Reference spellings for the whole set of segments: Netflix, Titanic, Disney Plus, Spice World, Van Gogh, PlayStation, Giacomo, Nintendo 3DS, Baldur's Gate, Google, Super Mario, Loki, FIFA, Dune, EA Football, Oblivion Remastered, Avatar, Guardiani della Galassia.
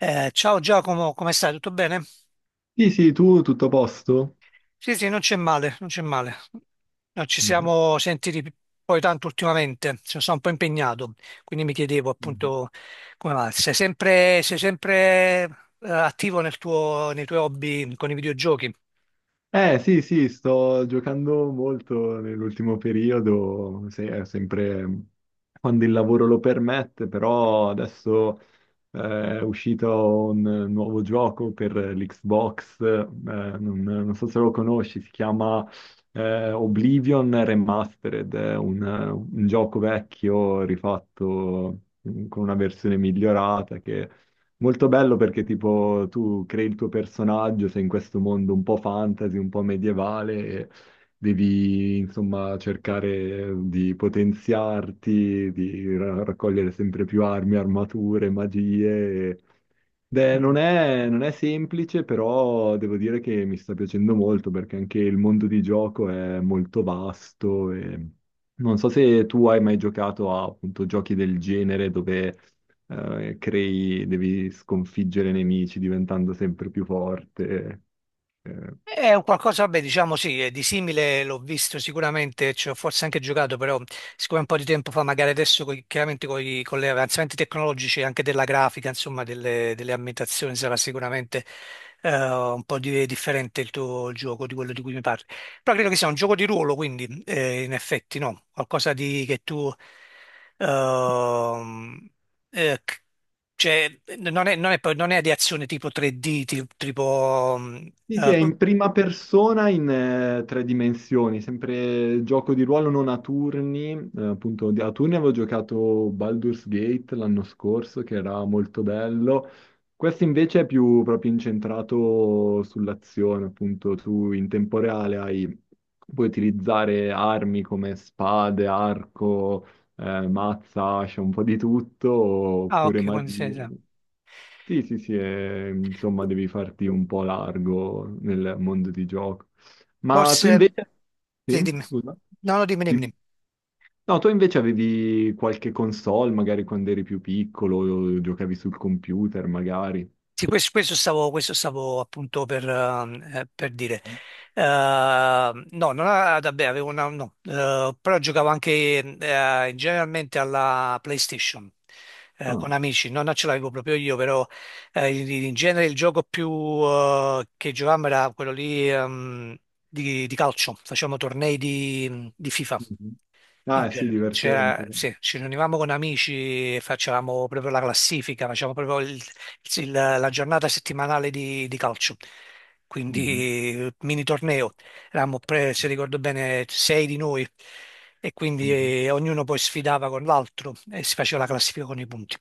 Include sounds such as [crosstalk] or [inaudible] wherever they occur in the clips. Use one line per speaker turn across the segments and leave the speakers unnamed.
Ciao Giacomo, come stai? Tutto bene?
Sì, sì, tu tutto a posto?
Sì, sì, non c'è male, non c'è male. Non ci
Mhm,
siamo sentiti poi tanto ultimamente, sono stato un po' impegnato, quindi mi chiedevo
mhm.
appunto come va. Sei sempre attivo nel nei tuoi hobby con i videogiochi?
Sì, sì, sto giocando molto nell'ultimo periodo, sempre quando il lavoro lo permette, però adesso è uscito un nuovo gioco per l'Xbox. Non so se lo conosci, si chiama Oblivion Remastered, è un gioco vecchio rifatto, con una versione migliorata che molto bello, perché tipo tu crei il tuo personaggio, sei in questo mondo un po' fantasy, un po' medievale, e devi insomma cercare di potenziarti, di raccogliere sempre più armi, armature, magie. Beh, non è semplice, però devo dire che mi sta piacendo molto, perché anche il mondo di gioco è molto vasto, e non so se tu hai mai giocato a appunto giochi del genere dove devi sconfiggere nemici diventando sempre più forte. eh,
È un qualcosa, vabbè, diciamo sì, di simile l'ho visto sicuramente, ci ho forse anche giocato, però siccome un po' di tempo fa, magari adesso chiaramente con gli avanzamenti tecnologici anche della grafica, insomma, delle ambientazioni sarà sicuramente un po' differente il tuo gioco di quello di cui mi parli. Però credo che sia un gioco di ruolo, quindi in effetti no, qualcosa di che tu ehm, eh, c- cioè, non è di azione tipo 3D, tipo.
Sì, sì, è in prima persona in tre dimensioni, sempre gioco di ruolo non a turni. Appunto a turni avevo giocato Baldur's Gate l'anno scorso, che era molto bello. Questo invece è più proprio incentrato sull'azione, appunto tu in tempo reale puoi utilizzare armi come spade, arco, mazza, ascia, un po' di tutto,
Ah,
oppure
ok, quindi sì,
magie.
sì.
Sì, sì, sì, insomma devi farti un po' largo nel mondo di gioco. Ma tu
Forse,
invece...
sì,
Sì,
dimmi.
scusa.
No, no, dimmi, dimmi,
Di-
dimmi.
No, tu invece avevi qualche console, magari quando eri più piccolo, o giocavi sul computer, magari.
Sì, questo stavo appunto per dire. No, non a- vabbè, avevo una, no, però giocavo anche generalmente alla PlayStation
Ah,
con amici. No, non ce l'avevo proprio io, però in genere il gioco più che giocavamo era quello lì di calcio, facevamo tornei di FIFA.
mhm.
In
Ah, sì,
genere,
divertente.
sì, ci riunivamo con amici e facevamo proprio la classifica, facevamo proprio la giornata settimanale di calcio,
Mhm,
quindi mini torneo. Eravamo, se ricordo bene, sei di noi e quindi
mhm.
ognuno poi sfidava con l'altro e si faceva la classifica con i punti.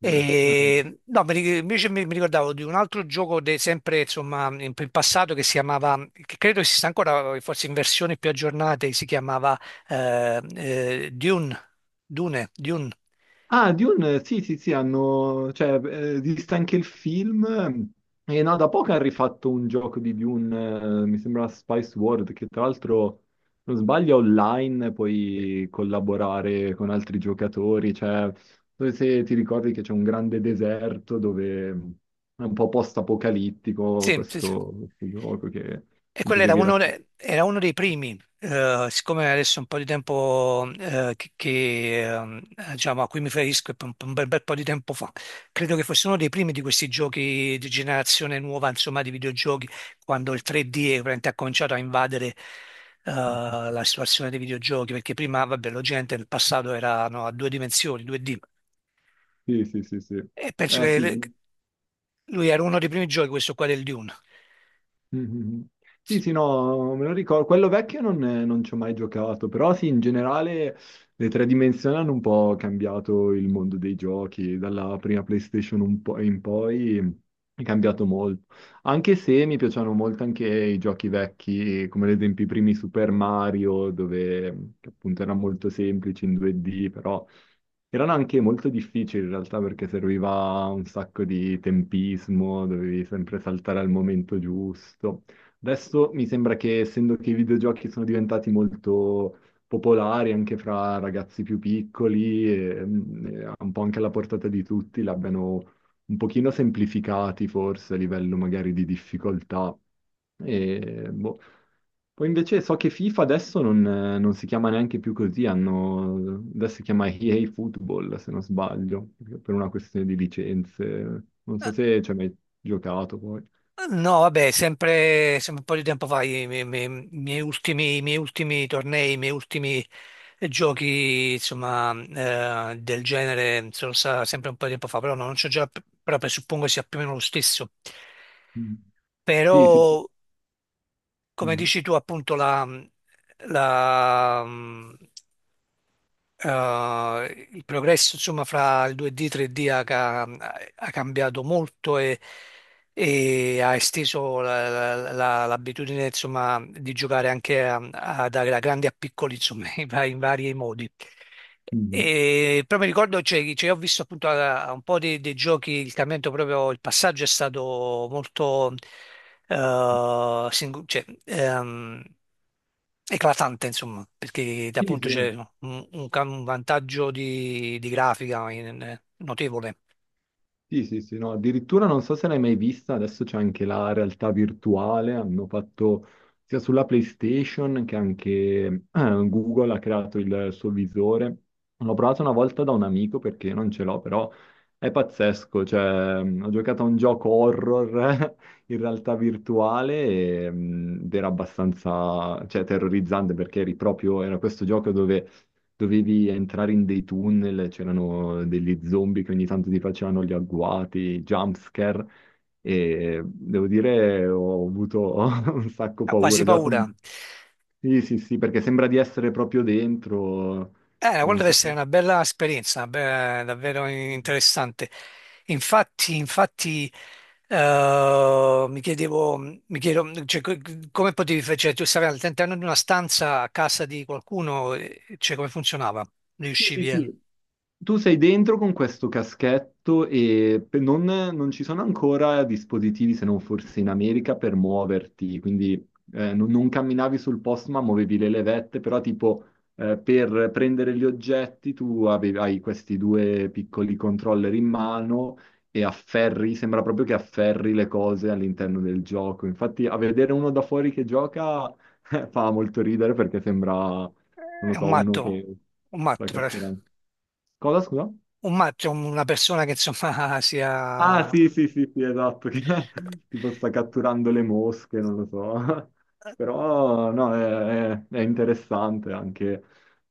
Sì. Eh.
E, no, invece mi ricordavo di un altro gioco sempre insomma in passato che si chiamava, che credo esista ancora, forse in versioni più aggiornate, si chiamava Dune, Dune.
Ah, Dune, sì, sì, sì, hanno, cioè, esiste anche il film. E no, da poco hanno rifatto un gioco di Dune, mi sembra Spice World, che tra l'altro, se non sbaglio, è online, puoi collaborare con altri giocatori. Cioè, dove, se ti ricordi, che c'è un grande deserto dove è un po' post-apocalittico
Sì, sì, sì.
questo gioco, che
E
appunto
quello era
devi raccontare.
era uno dei primi, siccome adesso è un po' di tempo diciamo, a cui mi riferisco, è un bel, bel po' di tempo fa, credo che fosse uno dei primi di questi giochi di generazione nuova, insomma, di videogiochi, quando il 3D è veramente ha cominciato a invadere la situazione dei videogiochi, perché prima, vabbè, la gente nel passato era no, a due dimensioni, 2D.
Sì, sì, sì, sì.
E penso
Eh
che
sì.
lui era uno dei primi giochi, questo qua del Dune.
Mhm. Sì, sì, no, me lo ricordo. Quello vecchio non ci ho mai giocato, però sì, in generale le tre dimensioni hanno un po' cambiato il mondo dei giochi. Dalla prima PlayStation un po' in poi è cambiato molto. Anche se mi piacciono molto anche i giochi vecchi, come ad esempio i primi Super Mario, dove che appunto era molto semplice in 2D, però erano anche molto difficili in realtà, perché serviva un sacco di tempismo, dovevi sempre saltare al momento giusto. Adesso mi sembra che, essendo che i videogiochi sono diventati molto popolari anche fra ragazzi più piccoli, e, e un po' anche alla portata di tutti, l'abbiano un pochino semplificati forse a livello magari di difficoltà. E, boh. Poi invece so che FIFA adesso non si chiama neanche più così, hanno, adesso si chiama EA Football, se non sbaglio, per una questione di licenze. Non so
Ah,
se ci hai mai giocato poi.
no, vabbè, sempre, sempre un po' di tempo fa, miei ultimi, i miei ultimi tornei, i miei ultimi giochi, insomma, del genere, sono stati sempre un po' di tempo fa, però no, non c'ho già, però presuppongo sia più o meno lo stesso.
Mm. Sì, sì.
Però, come
Mm.
dici tu, appunto, la- il progresso insomma fra il 2D e 3D ha cambiato molto, e ha esteso l'abitudine insomma di giocare anche da grandi a piccoli insomma [laughs] in vari modi.
Mm.
E però mi ricordo, ho visto appunto a un po' dei giochi, il cambiamento proprio, il passaggio è stato molto, eh, singo- cioè, ehm, eclatante, insomma, perché
Sì,
appunto
sì.
c'è un, un vantaggio di grafica notevole.
Sì, sì, sì, no, addirittura non so se l'hai mai vista, adesso c'è anche la realtà virtuale, hanno fatto sia sulla PlayStation che anche Google ha creato il suo visore. L'ho provato una volta da un amico perché non ce l'ho, però è pazzesco. Cioè, ho giocato a un gioco horror [laughs] in realtà virtuale, e, ed era abbastanza, cioè, terrorizzante, perché eri proprio, era questo gioco dove dovevi entrare in dei tunnel, c'erano degli zombie che ogni tanto ti facevano gli agguati, jumpscare, e devo dire ho avuto [laughs] un sacco
Ha quasi
paura.
paura.
Sì, sì, sì, perché sembra di essere proprio dentro,
Quella
non
deve
so.
essere una bella esperienza, una davvero interessante. Infatti, infatti, mi chiedo, come potevi fare, cioè, tu stavi all'interno di una stanza a casa di qualcuno, cioè, come funzionava?
Sì, sì,
Riuscivi a...
sì. Tu sei dentro con questo caschetto, e non ci sono ancora dispositivi, se non forse in America, per muoverti, quindi non camminavi sul posto, ma muovevi le levette. Però tipo per prendere gli oggetti tu avevi, hai questi due piccoli controller in mano, e afferri, sembra proprio che afferri le cose all'interno del gioco. Infatti a vedere uno da fuori che gioca [laughs] fa molto ridere, perché sembra, non lo
È un
so, uno
matto,
che
un
sta
matto, per-
catturando. Cosa, scusa?
un matto è una persona che insomma [laughs]
Ah,
sia
sì, sì, sì, sì, esatto, che [laughs] tipo sta catturando le mosche, non lo so. [laughs] Però, no, è interessante anche.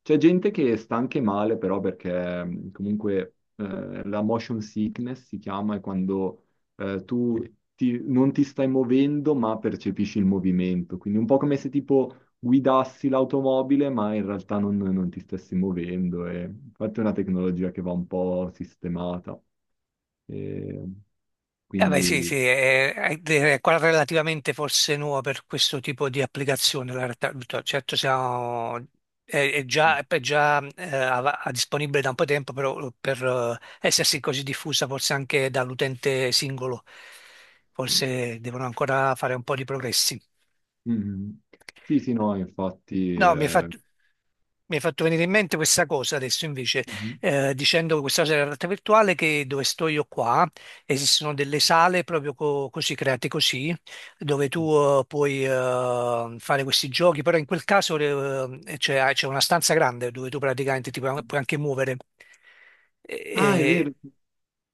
C'è gente che sta anche male, però, perché comunque la motion sickness si chiama, è quando tu non ti stai muovendo, ma percepisci il movimento. Quindi un po' come se tipo guidassi l'automobile, ma in realtà non ti stessi muovendo. E infatti è una tecnologia che va un po' sistemata. E
Sì,
quindi...
sì, è quella relativamente forse nuova per questo tipo di applicazione. La realtà virtuale, certo, siamo, è già disponibile da un po' di tempo, però per essersi così diffusa forse anche dall'utente singolo, forse devono ancora fare un po' di progressi.
Mhm. Sì, sì, no, infatti.
No, mi hai fatto venire in mente questa cosa adesso invece,
Mhm.
dicendo questa cosa della realtà virtuale che dove sto io qua esistono delle sale proprio così create così, dove tu puoi fare questi giochi, però in quel caso c'è una stanza grande dove tu praticamente ti puoi anche muovere. E-
Ah, è
e-
vero.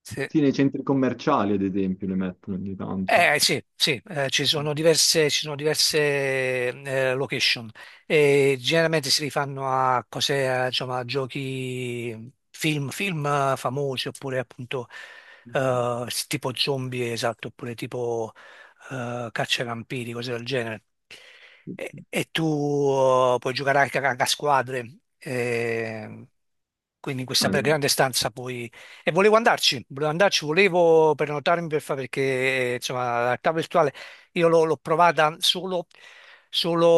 sì.
Sì, nei centri commerciali, ad esempio, le mettono ogni tanto.
Eh sì, sì, ci sono diverse location e generalmente si rifanno a cose, a, insomma, a giochi, film, film famosi oppure appunto
Mhm.
tipo zombie, esatto, oppure tipo caccia ai vampiri, cose del genere. E tu puoi giocare anche a, anche a squadre, quindi in questa
Ah, no.
grande stanza puoi, e volevo andarci, volevo prenotarmi per fare perché insomma la realtà virtuale io l'ho l'ho provata solo,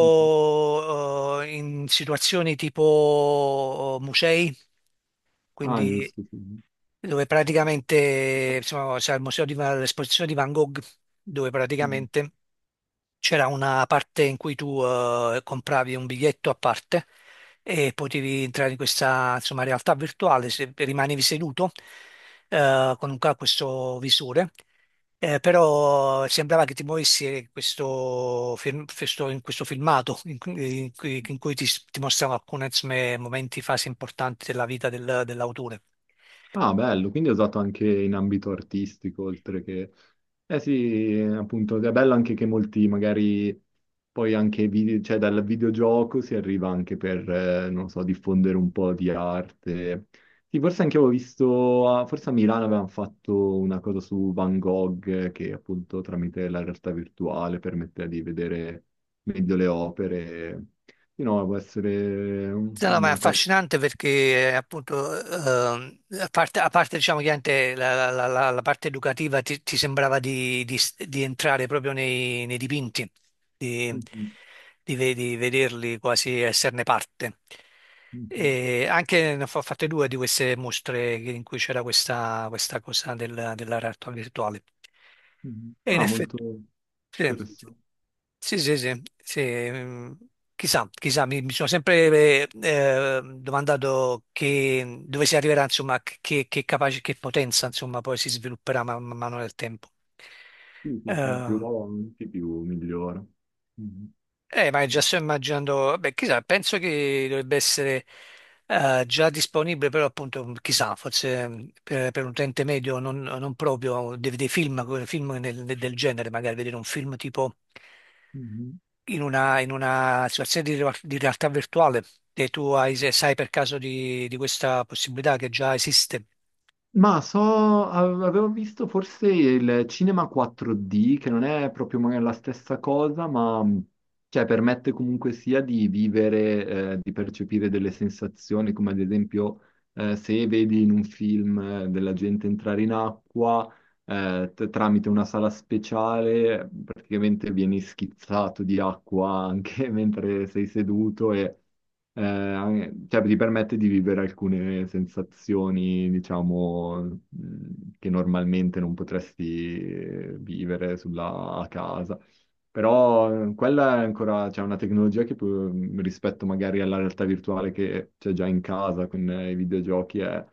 Mhm.
in situazioni tipo musei,
Ah,
quindi
giusto, sì.
dove praticamente, insomma, c'è il museo di, l'esposizione di Van Gogh, dove
Mhm.
praticamente c'era una parte in cui tu compravi un biglietto a parte e potevi entrare in questa, insomma, realtà virtuale, se rimanevi seduto con un, questo visore. Però sembrava che ti muovessi in questo filmato in, in cui ti mostrano alcuni insomma momenti, fasi importanti della vita dell'autore.
Ah, bello, quindi è usato anche in ambito artistico, oltre che... Eh sì, appunto, è bello anche che molti magari poi anche cioè, dal videogioco si arriva anche per, non so, diffondere un po' di arte. Sì, forse anche avevo visto, forse a Milano avevano fatto una cosa su Van Gogh, che appunto tramite la realtà virtuale permetteva di vedere meglio le opere. Sì, no, può essere
No, no, ma è
una cosa...
affascinante perché appunto, a parte, diciamo, chiaramente la parte educativa ti sembrava di entrare proprio nei dipinti di,
Mhm,
di vederli, quasi esserne parte.
mhm, mhm.
E
[laughs]
anche ne ho fatte due di queste mostre in cui c'era questa, questa cosa della realtà virtuale. E in
Ah,
effetti,
molto.
sì,
Interessante.
sì, sì, sì, sì, mm, chissà, chissà, mi sono sempre domandato che, dove si arriverà, insomma, che potenza, insomma, poi si svilupperà man, man mano nel tempo.
Sì, sì, sì, più
Ehm,
avanti, più migliora. Mhm.
ma già
Eh.
sto immaginando, beh, chissà, penso che dovrebbe essere già disponibile, però appunto, mm, chissà, forse mm, per un utente medio non, non proprio, dei film, film del genere, magari vedere un film tipo
Mhm.
in una situazione di realtà virtuale, e tu hai, se sai per caso di questa possibilità che già esiste.
Ma so, avevo visto forse il cinema 4D, che non è proprio magari la stessa cosa, ma cioè, permette comunque sia di vivere, di percepire delle sensazioni, come ad esempio se vedi in un film della gente entrare in acqua, tramite una sala speciale, praticamente vieni schizzato di acqua anche [laughs] mentre sei seduto. E cioè, ti permette di vivere alcune sensazioni, diciamo, che normalmente non potresti vivere sulla a casa. Però quella è ancora, c'è una tecnologia che rispetto magari alla realtà virtuale che c'è già in casa con i videogiochi è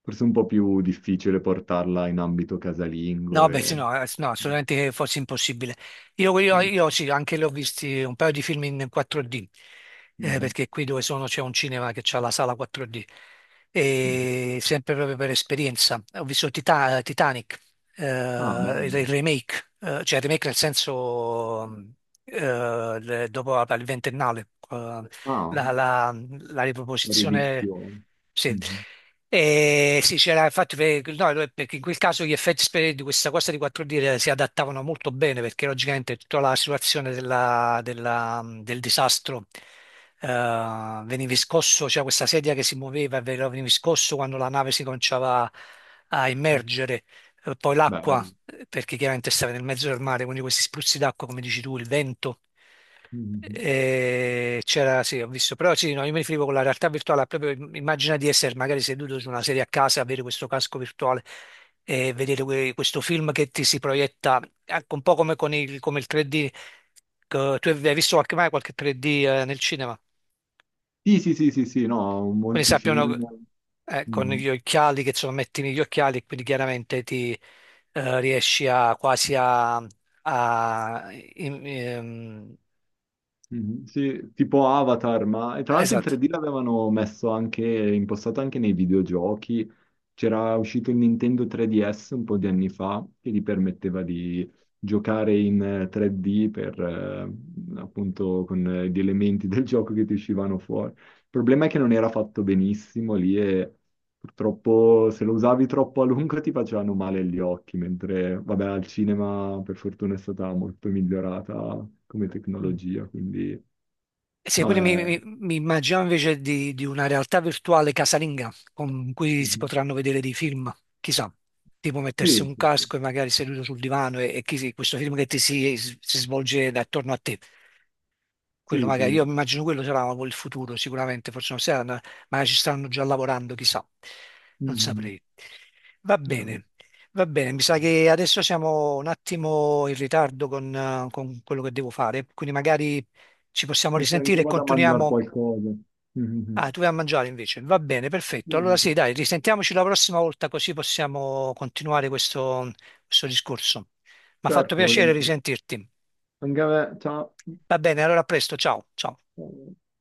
forse un po' più difficile portarla in ambito casalingo
No, beh, sì,
e...
no, sì, no, assolutamente che fosse impossibile. Io sì, anche l'ho visti un paio di film in 4D,
Mhm.
perché qui dove sono c'è un cinema che ha la sala 4D, e sempre proprio per esperienza. Ho visto Titanic,
Ah,
il
bello.
remake, cioè il remake nel senso mm, il ventennale,
Ah,
la, la- la riproposizione.
erudizione.
Sì. E sì, c'era infatti no, no, perché in quel caso gli effetti di questa cosa di 4D si adattavano molto bene perché logicamente tutta la situazione del disastro eh, veniva scosso, c'era questa sedia che si muoveva, e veniva scosso quando la nave si cominciava a immergere. Poi l'acqua
Bello.
perché chiaramente stava nel mezzo del mare, quindi questi spruzzi d'acqua, come dici tu, il vento.
Mhm.
C'era, sì, ho visto, però sì, no, io mi riferivo con la realtà virtuale, proprio immagina di essere magari seduto su una sedia a casa, avere questo casco virtuale e vedere questo film che ti si proietta, anche un po' come con il, come il 3D, che tu hai visto qualche, mai qualche 3D nel cinema?
Sì, sì, sì, sì, sì, no,
Quindi
molti
sappiano
film.
con
Mhm.
gli occhiali che sono metti negli occhiali e quindi chiaramente ti riesci a quasi a, a- in- ehm,
Mhm. Sì, tipo Avatar. Ma, e tra l'altro il
esatto.
3D l'avevano messo anche, impostato anche nei videogiochi. C'era uscito il Nintendo 3DS un po' di anni fa, che gli permetteva di giocare in 3D per, appunto, con gli elementi del gioco che ti uscivano fuori. Il problema è che non era fatto benissimo lì, e purtroppo se lo usavi troppo a lungo ti facevano male gli occhi, mentre vabbè, al cinema per fortuna è stata molto migliorata come
Mm.
tecnologia. Quindi
Sì,
no,
quindi
è...
mi immagino invece di una realtà virtuale casalinga con cui si
Mhm.
potranno vedere dei film, chissà, tipo mettersi
Sì,
un
sì, sì,
casco e magari seduto sul divano e questo film che ti si svolge attorno a te. Quello
sì,
magari,
sì.
io immagino quello sarà il futuro sicuramente, forse non saranno, magari ci stanno già lavorando, chissà, non
Mhm.
saprei. Va
Eh,
bene, va bene, mi sa che adesso siamo un attimo in ritardo con quello che devo fare, quindi magari ci possiamo
sì, sì,
risentire
anche
e
vado a mangiare
continuiamo.
qualcosa.
Ah,
Mhm.
tu vai a mangiare invece, va bene, perfetto.
Sì,
Allora
sì,
sì,
sì.
dai, risentiamoci la prossima volta così possiamo continuare questo, questo discorso. Mi ha fatto
Certo,
piacere
volentieri.
risentirti.
Anche a me, ciao.
Va bene, allora a presto, ciao, ciao.
Ciao.